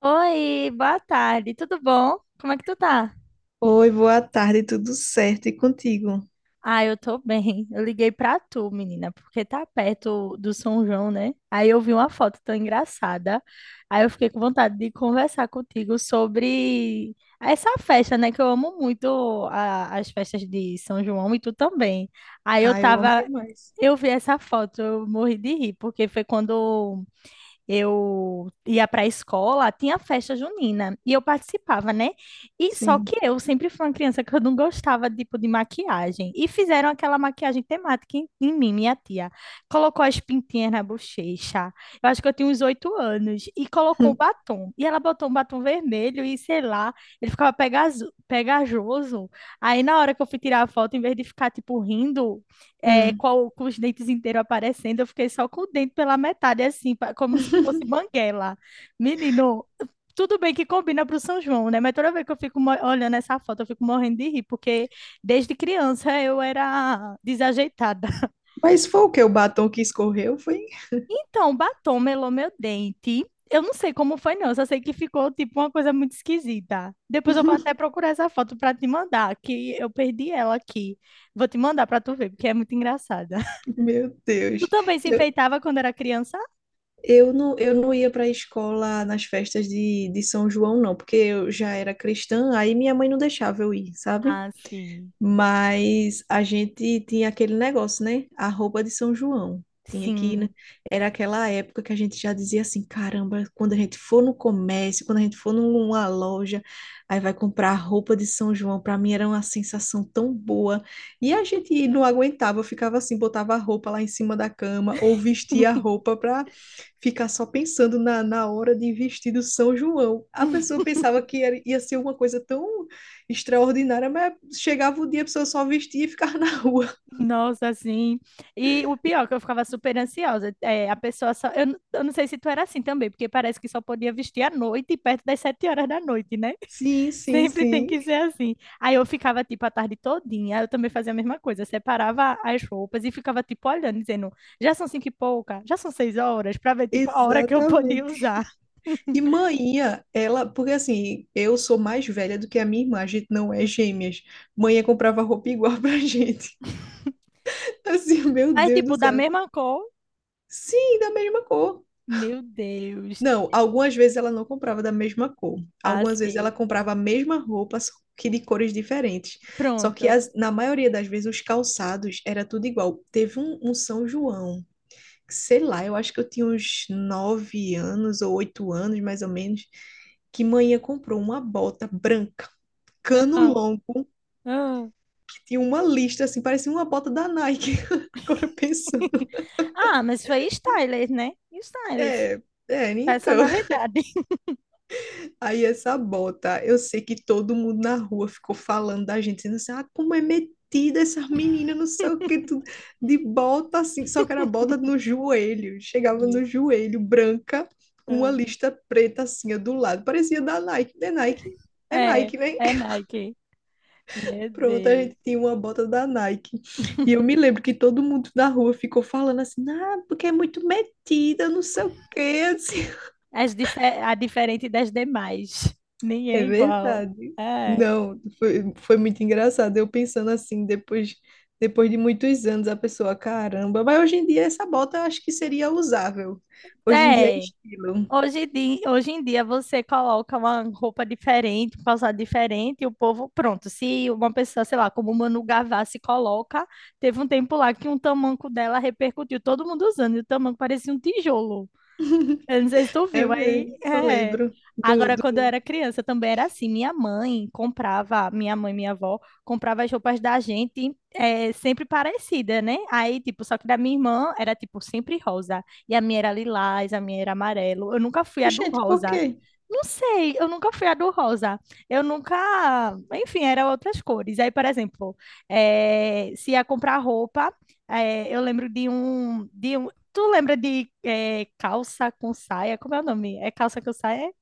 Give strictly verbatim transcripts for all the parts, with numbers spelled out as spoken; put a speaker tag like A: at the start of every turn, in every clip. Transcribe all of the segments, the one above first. A: Oi, boa tarde, tudo bom? Como é que tu tá?
B: Oi, boa tarde, tudo certo? E contigo?
A: Ah, eu tô bem. Eu liguei pra tu, menina, porque tá perto do São João, né? Aí eu vi uma foto tão engraçada. Aí eu fiquei com vontade de conversar contigo sobre essa festa, né? Que eu amo muito a- as festas de São João e tu também. Aí eu
B: Ah, eu amo
A: tava,
B: demais.
A: eu vi essa foto, eu morri de rir, porque foi quando eu ia para a escola, tinha festa junina e eu participava, né? E só que
B: Sim.
A: eu sempre fui uma criança que eu não gostava tipo de maquiagem e fizeram aquela maquiagem temática em, em mim, minha tia. Colocou as pintinhas na bochecha. Eu acho que eu tinha uns oito anos e colocou um batom. E ela botou um batom vermelho e sei lá, ele ficava pegazo- pegajoso. Aí na hora que eu fui tirar a foto, em vez de ficar tipo rindo, é,
B: Hum.
A: com, com os dentes inteiros aparecendo, eu fiquei só com o dente pela metade, assim, pa- como se fosse banguela. Menino, tudo bem que combina para o São João, né? Mas toda vez que eu fico mo- olhando essa foto, eu fico morrendo de rir, porque desde criança eu era desajeitada.
B: Mas foi o que? O batom que escorreu? Foi?
A: Então, batom melou meu dente. Eu não sei como foi, não. Eu só sei que ficou, tipo, uma coisa muito esquisita. Depois eu vou até procurar essa foto para te mandar, que eu perdi ela aqui. Vou te mandar para tu ver, porque é muito engraçada.
B: Meu
A: Tu
B: Deus.
A: também se
B: Eu,
A: enfeitava quando era criança?
B: eu não, eu não ia para a escola nas festas de, de São João, não, porque eu já era cristã, aí minha mãe não deixava eu ir, sabe?
A: Ah, sim.
B: Mas a gente tinha aquele negócio, né? A roupa de São João. Tinha que ir, né?
A: Sim.
B: Era aquela época que a gente já dizia assim, caramba, quando a gente for no comércio, quando a gente for numa loja, aí vai comprar a roupa de São João. Para mim era uma sensação tão boa. E a gente não aguentava, ficava assim, botava a roupa lá em cima da cama ou vestia a roupa para ficar só pensando na, na hora de vestir do São João. A pessoa pensava que era- ia ser uma coisa tão extraordinária, mas chegava o dia, a pessoa só vestia e ficava na rua.
A: Nossa, assim. E o pior, é que eu ficava super ansiosa. É, a pessoa só. Eu, n- eu não sei se tu era assim também, porque parece que só podia vestir à noite, perto das sete horas da noite, né?
B: Sim, sim,
A: Sempre tem
B: sim.
A: que ser assim. Aí eu ficava, tipo, a tarde todinha. Eu também fazia a mesma coisa. Separava as roupas e ficava, tipo, olhando, dizendo: já são cinco e pouca, já são seis horas, pra ver, tipo, a hora que eu podia
B: Exatamente.
A: usar.
B: E manhã, ela, porque assim, eu sou mais velha do que a minha irmã, a gente não é gêmeas. Manhã comprava roupa igual pra gente. Assim, meu
A: Mas,
B: Deus do
A: tipo, da
B: céu.
A: mesma cor.
B: Sim, da mesma cor.
A: Meu Deus.
B: Não, algumas vezes ela não comprava da mesma cor. Algumas vezes ela
A: Assim.
B: comprava a mesma roupa, só que de cores diferentes. Só que
A: Pronto.
B: as- na maioria das vezes os calçados era tudo igual. Teve um, um São João, sei lá, eu acho que eu tinha uns nove anos ou oito anos, mais ou menos, que manhã comprou uma bota branca, cano longo,
A: Ah,
B: que tinha uma lista assim, parecia uma bota da Nike. Agora pensando.
A: Ah, mas foi stylist, né? Stylist.
B: É, é, então.
A: Personalidade.
B: Aí essa bota, eu sei que todo mundo na rua ficou falando da gente, dizendo assim, ah, como é metida essas meninas, não sei o que, tudo, de bota assim, só que era bota no joelho, chegava
A: Meu-
B: no joelho, branca, com uma
A: Ah,
B: lista preta assim, ó, do lado, parecia da Nike, é Nike, é
A: É,
B: Nike, né?
A: é Nike. Meu
B: Pronto, a
A: Deus.
B: gente tinha uma bota da Nike, e eu me lembro que todo mundo da rua ficou falando assim, ah, porque é muito metida, não sei o que, assim.
A: As dife- a diferente das demais. Ninguém
B: É
A: é igual.
B: verdade.
A: É.
B: Não, foi, foi muito engraçado. Eu pensando assim, depois, depois de muitos anos, a pessoa, caramba, mas hoje em dia essa bota eu acho que seria usável. Hoje em dia é
A: É.
B: estilo.
A: Hoje, em di- Hoje em dia você coloca uma roupa diferente, um calçado diferente, e o povo, pronto. Se uma pessoa, sei lá, como Manu Gavassi coloca, teve um tempo lá que um tamanco dela repercutiu, todo mundo usando, e o tamanco parecia um tijolo. Eu não sei se tu
B: É
A: viu, aí
B: mesmo, eu
A: é.
B: lembro do,
A: Agora,
B: do...
A: quando eu era criança, também era assim. Minha mãe comprava, minha mãe, minha avó, comprava as roupas da gente é, sempre parecida, né? Aí, tipo, só que da minha irmã era, tipo, sempre rosa. E a minha era lilás, a minha era amarelo. Eu nunca fui a do
B: Gente, por
A: rosa.
B: quê?
A: Não sei, eu nunca fui a do rosa. Eu nunca. Enfim, eram outras cores. Aí, por exemplo, eh, se ia comprar roupa, eh, eu lembro de um, de um. Tu lembra de eh, calça com saia? Como é o nome? É calça com saia?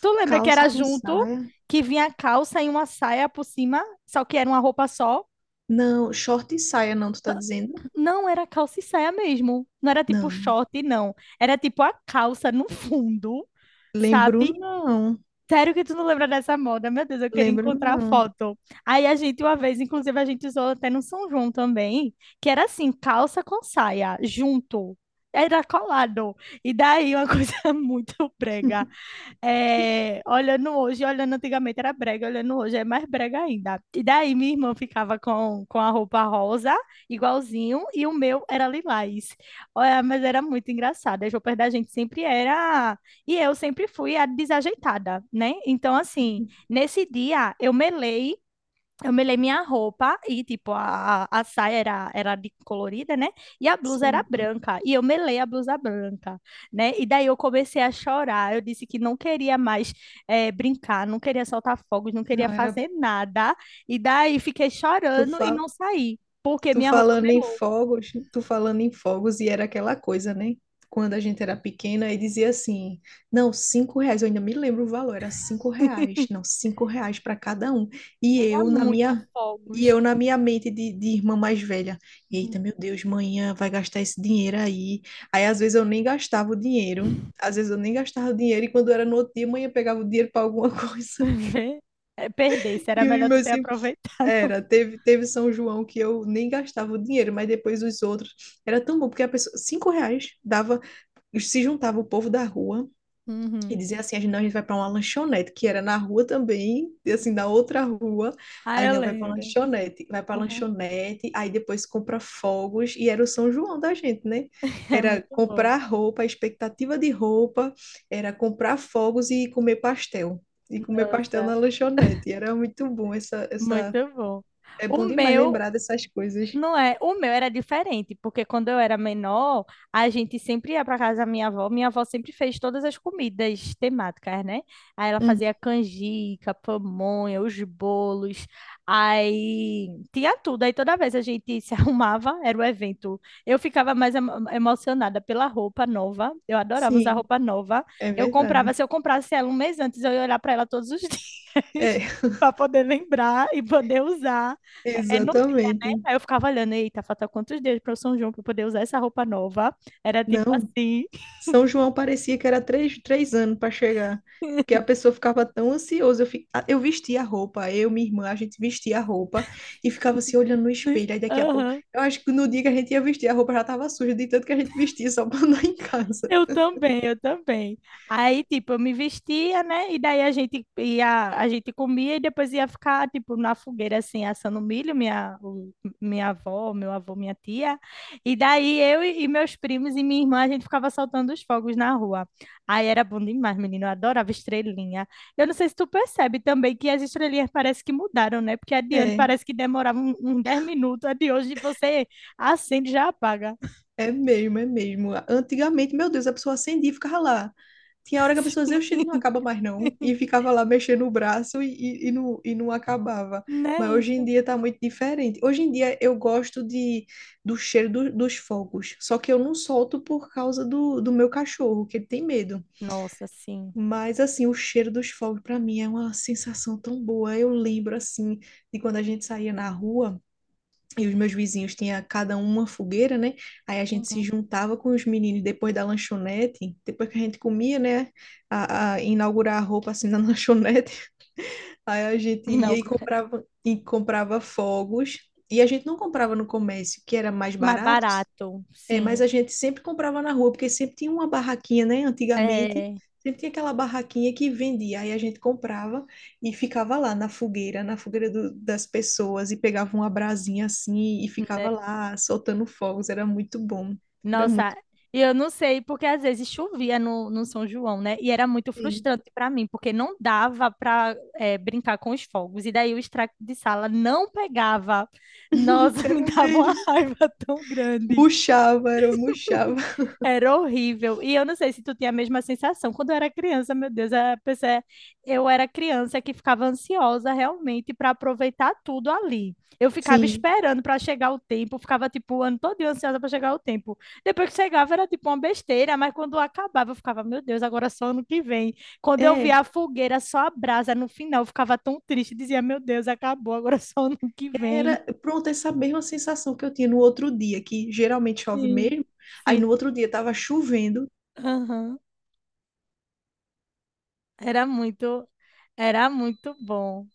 A: Tu lembra que
B: Calça
A: era
B: com
A: junto,
B: saia.
A: que vinha a calça e uma saia por cima, só que era uma roupa só?
B: Não, short e saia, não, tu tá dizendo?
A: Não, era calça e saia mesmo. Não era tipo
B: Não.
A: short, não. Era tipo a calça no fundo,
B: Lembro
A: sabe?
B: não.
A: Sério que tu não lembra dessa moda? Meu Deus, eu queria
B: Lembro
A: encontrar a
B: não.
A: foto. Aí a gente, uma vez, inclusive, a gente usou até no São João também, que era assim, calça com saia, junto. Era colado. E daí, uma coisa muito brega. É, olhando hoje, olhando antigamente era brega, olhando hoje é mais brega ainda. E daí minha irmã ficava com, com a roupa rosa, igualzinho, e o meu era lilás. Olha, mas era muito engraçado. As roupas da gente sempre era. E eu sempre fui a desajeitada, né? Então, assim, nesse dia eu melei eu melei minha roupa e, tipo, a, a saia era, era de colorida, né? E a blusa era
B: Sim.
A: branca. E eu melei a blusa branca, né? E daí eu comecei a chorar. Eu disse que não queria mais eh, brincar, não queria soltar fogos, não
B: Não,
A: queria
B: era.
A: fazer nada. E daí fiquei
B: Tu
A: chorando e não
B: fala.
A: saí, porque
B: Tu
A: minha roupa
B: falando em
A: melou.
B: fogos, tu falando em fogos, e era aquela coisa, né? Quando a gente era pequena, e dizia assim: não, cinco reais, eu ainda me lembro o valor, era cinco reais, não, cinco reais para cada um. E
A: Era
B: eu, na
A: muito
B: minha, e
A: fogos.
B: eu, na minha mente de, de irmã mais velha,
A: Uhum.
B: eita, meu Deus, manhã vai gastar esse dinheiro aí. Aí, às vezes, eu nem gastava o dinheiro, às vezes, eu nem gastava o dinheiro, e quando era no outro dia, manhã pegava o dinheiro para alguma coisa.
A: Vê? É, Perdesse, era
B: E os
A: melhor tu
B: meus
A: ter aproveitado.
B: era, teve, teve São João que eu nem gastava o dinheiro, mas depois os outros. Era tão bom, porque a pessoa, cinco reais dava, se juntava o povo da rua e
A: Uhum.
B: dizia assim: a gente, não, a gente vai para uma lanchonete, que era na rua também, e assim, na outra rua.
A: Ah,
B: Aí
A: eu
B: não, vai para
A: lembro.
B: lanchonete, vai para
A: Uhum.
B: lanchonete, aí depois compra fogos, e era o São João da gente, né?
A: É
B: Era
A: muito bom.
B: comprar roupa, expectativa de roupa, era comprar fogos e comer pastel. E comer pastel
A: Nossa.
B: na lanchonete. E era muito bom essa,
A: Muito
B: essa
A: bom.
B: é
A: O
B: bom demais
A: meu,
B: lembrar dessas coisas.
A: não é, o meu era diferente, porque quando eu era menor, a gente sempre ia para casa da minha avó. Minha avó sempre fez todas as comidas temáticas, né? Aí ela fazia
B: Uhum.
A: canjica, pamonha, os bolos, aí tinha tudo. Aí toda vez a gente se arrumava, era o evento. Eu ficava mais emo- emocionada pela roupa nova. Eu adorava usar
B: Sim,
A: roupa nova.
B: é
A: Eu comprava,
B: verdade.
A: se eu comprasse ela um mês antes, eu ia olhar para ela todos os
B: É,
A: dias. Para poder lembrar e poder usar é, no
B: exatamente.
A: Aí eu ficava olhando, eita, falta quantos dias para o São João para poder usar essa roupa nova? Era tipo
B: Não,
A: assim.
B: São João parecia que era três, três anos para chegar, que a pessoa ficava tão ansiosa. Eu, fi- a- eu vestia a roupa, eu, minha irmã, a gente vestia a roupa e ficava se olhando no espelho. Aí daqui a pouco,
A: Aham.
B: eu acho que no dia que a gente ia vestir a roupa já estava suja, de tanto que a gente vestia só para andar em casa.
A: Eu também, eu também. Aí, tipo, eu me vestia, né? E daí a gente ia, a gente comia e depois ia ficar, tipo, na fogueira, assim, assando milho, minha, o- minha avó, meu avô, minha tia. E daí eu e, e meus primos e minha irmã, a gente ficava soltando os fogos na rua. Aí era bom demais, menino, eu adorava estrelinha. Eu não sei se tu percebe também que as estrelinhas parece que mudaram, né? Porque adiante
B: É.
A: parece que demorava um- uns dez minutos, a de hoje você acende e já apaga.
B: É mesmo, é mesmo. Antigamente, meu Deus, a pessoa acendia e ficava lá. Tinha hora que a pessoa dizia, oxi, não acaba mais não. E ficava lá mexendo o braço e, e, e não, e não acabava. Mas
A: Né?
B: hoje em dia tá muito diferente. Hoje em dia eu gosto de, do cheiro do- dos fogos. Só que eu não solto por causa do, do meu cachorro, que ele tem medo.
A: Nossa, sim.
B: Mas assim, o cheiro dos fogos para mim é uma sensação tão boa. Eu lembro assim de quando a gente saía na rua. E os meus vizinhos tinham cada um uma fogueira, né? Aí a gente se
A: Uhum.
B: juntava com os meninos depois da lanchonete, depois que a gente comia, né? A, a inaugurar a roupa assim na lanchonete. Aí a gente ia
A: não
B: e comprava, e comprava fogos. E a gente não comprava no comércio, que era mais
A: Mais
B: barato,
A: barato,
B: é, mas
A: sim.
B: a gente sempre comprava na rua, porque sempre tinha uma barraquinha, né? Antigamente,
A: É,
B: sempre tinha aquela barraquinha que vendia. Aí a gente comprava e ficava lá na fogueira, na fogueira do- das pessoas, e pegava uma brasinha assim e ficava lá soltando fogos. Era muito bom. Era
A: nossa,
B: muito
A: e eu não sei, porque às vezes chovia no, no São João, né? E era muito
B: bem.
A: frustrante para mim, porque não dava para brincar com os fogos. E daí o extrato de sala não pegava. Nossa, me
B: Era
A: dava uma
B: mesmo.
A: raiva tão grande.
B: Murchava, era, murchava.
A: Era horrível. E eu não sei se tu tinha a mesma sensação. Quando eu era criança, meu Deus, a pessoa- é, eu era criança que ficava ansiosa realmente para aproveitar tudo ali. Eu ficava
B: Sim.
A: esperando para chegar o tempo, ficava tipo o ano todo ansiosa para chegar o tempo. Depois que chegava era tipo uma besteira, mas quando acabava eu ficava, meu Deus, agora só ano que vem. Quando eu
B: É,
A: via a fogueira só a brasa no final, eu ficava tão triste, dizia, meu Deus, acabou, agora só ano que vem.
B: era, pronto, essa mesma sensação que eu tinha no outro dia, que geralmente chove
A: Sim,
B: mesmo. Aí
A: sim.
B: no outro dia tava chovendo,
A: Aham. Era muito, era muito bom.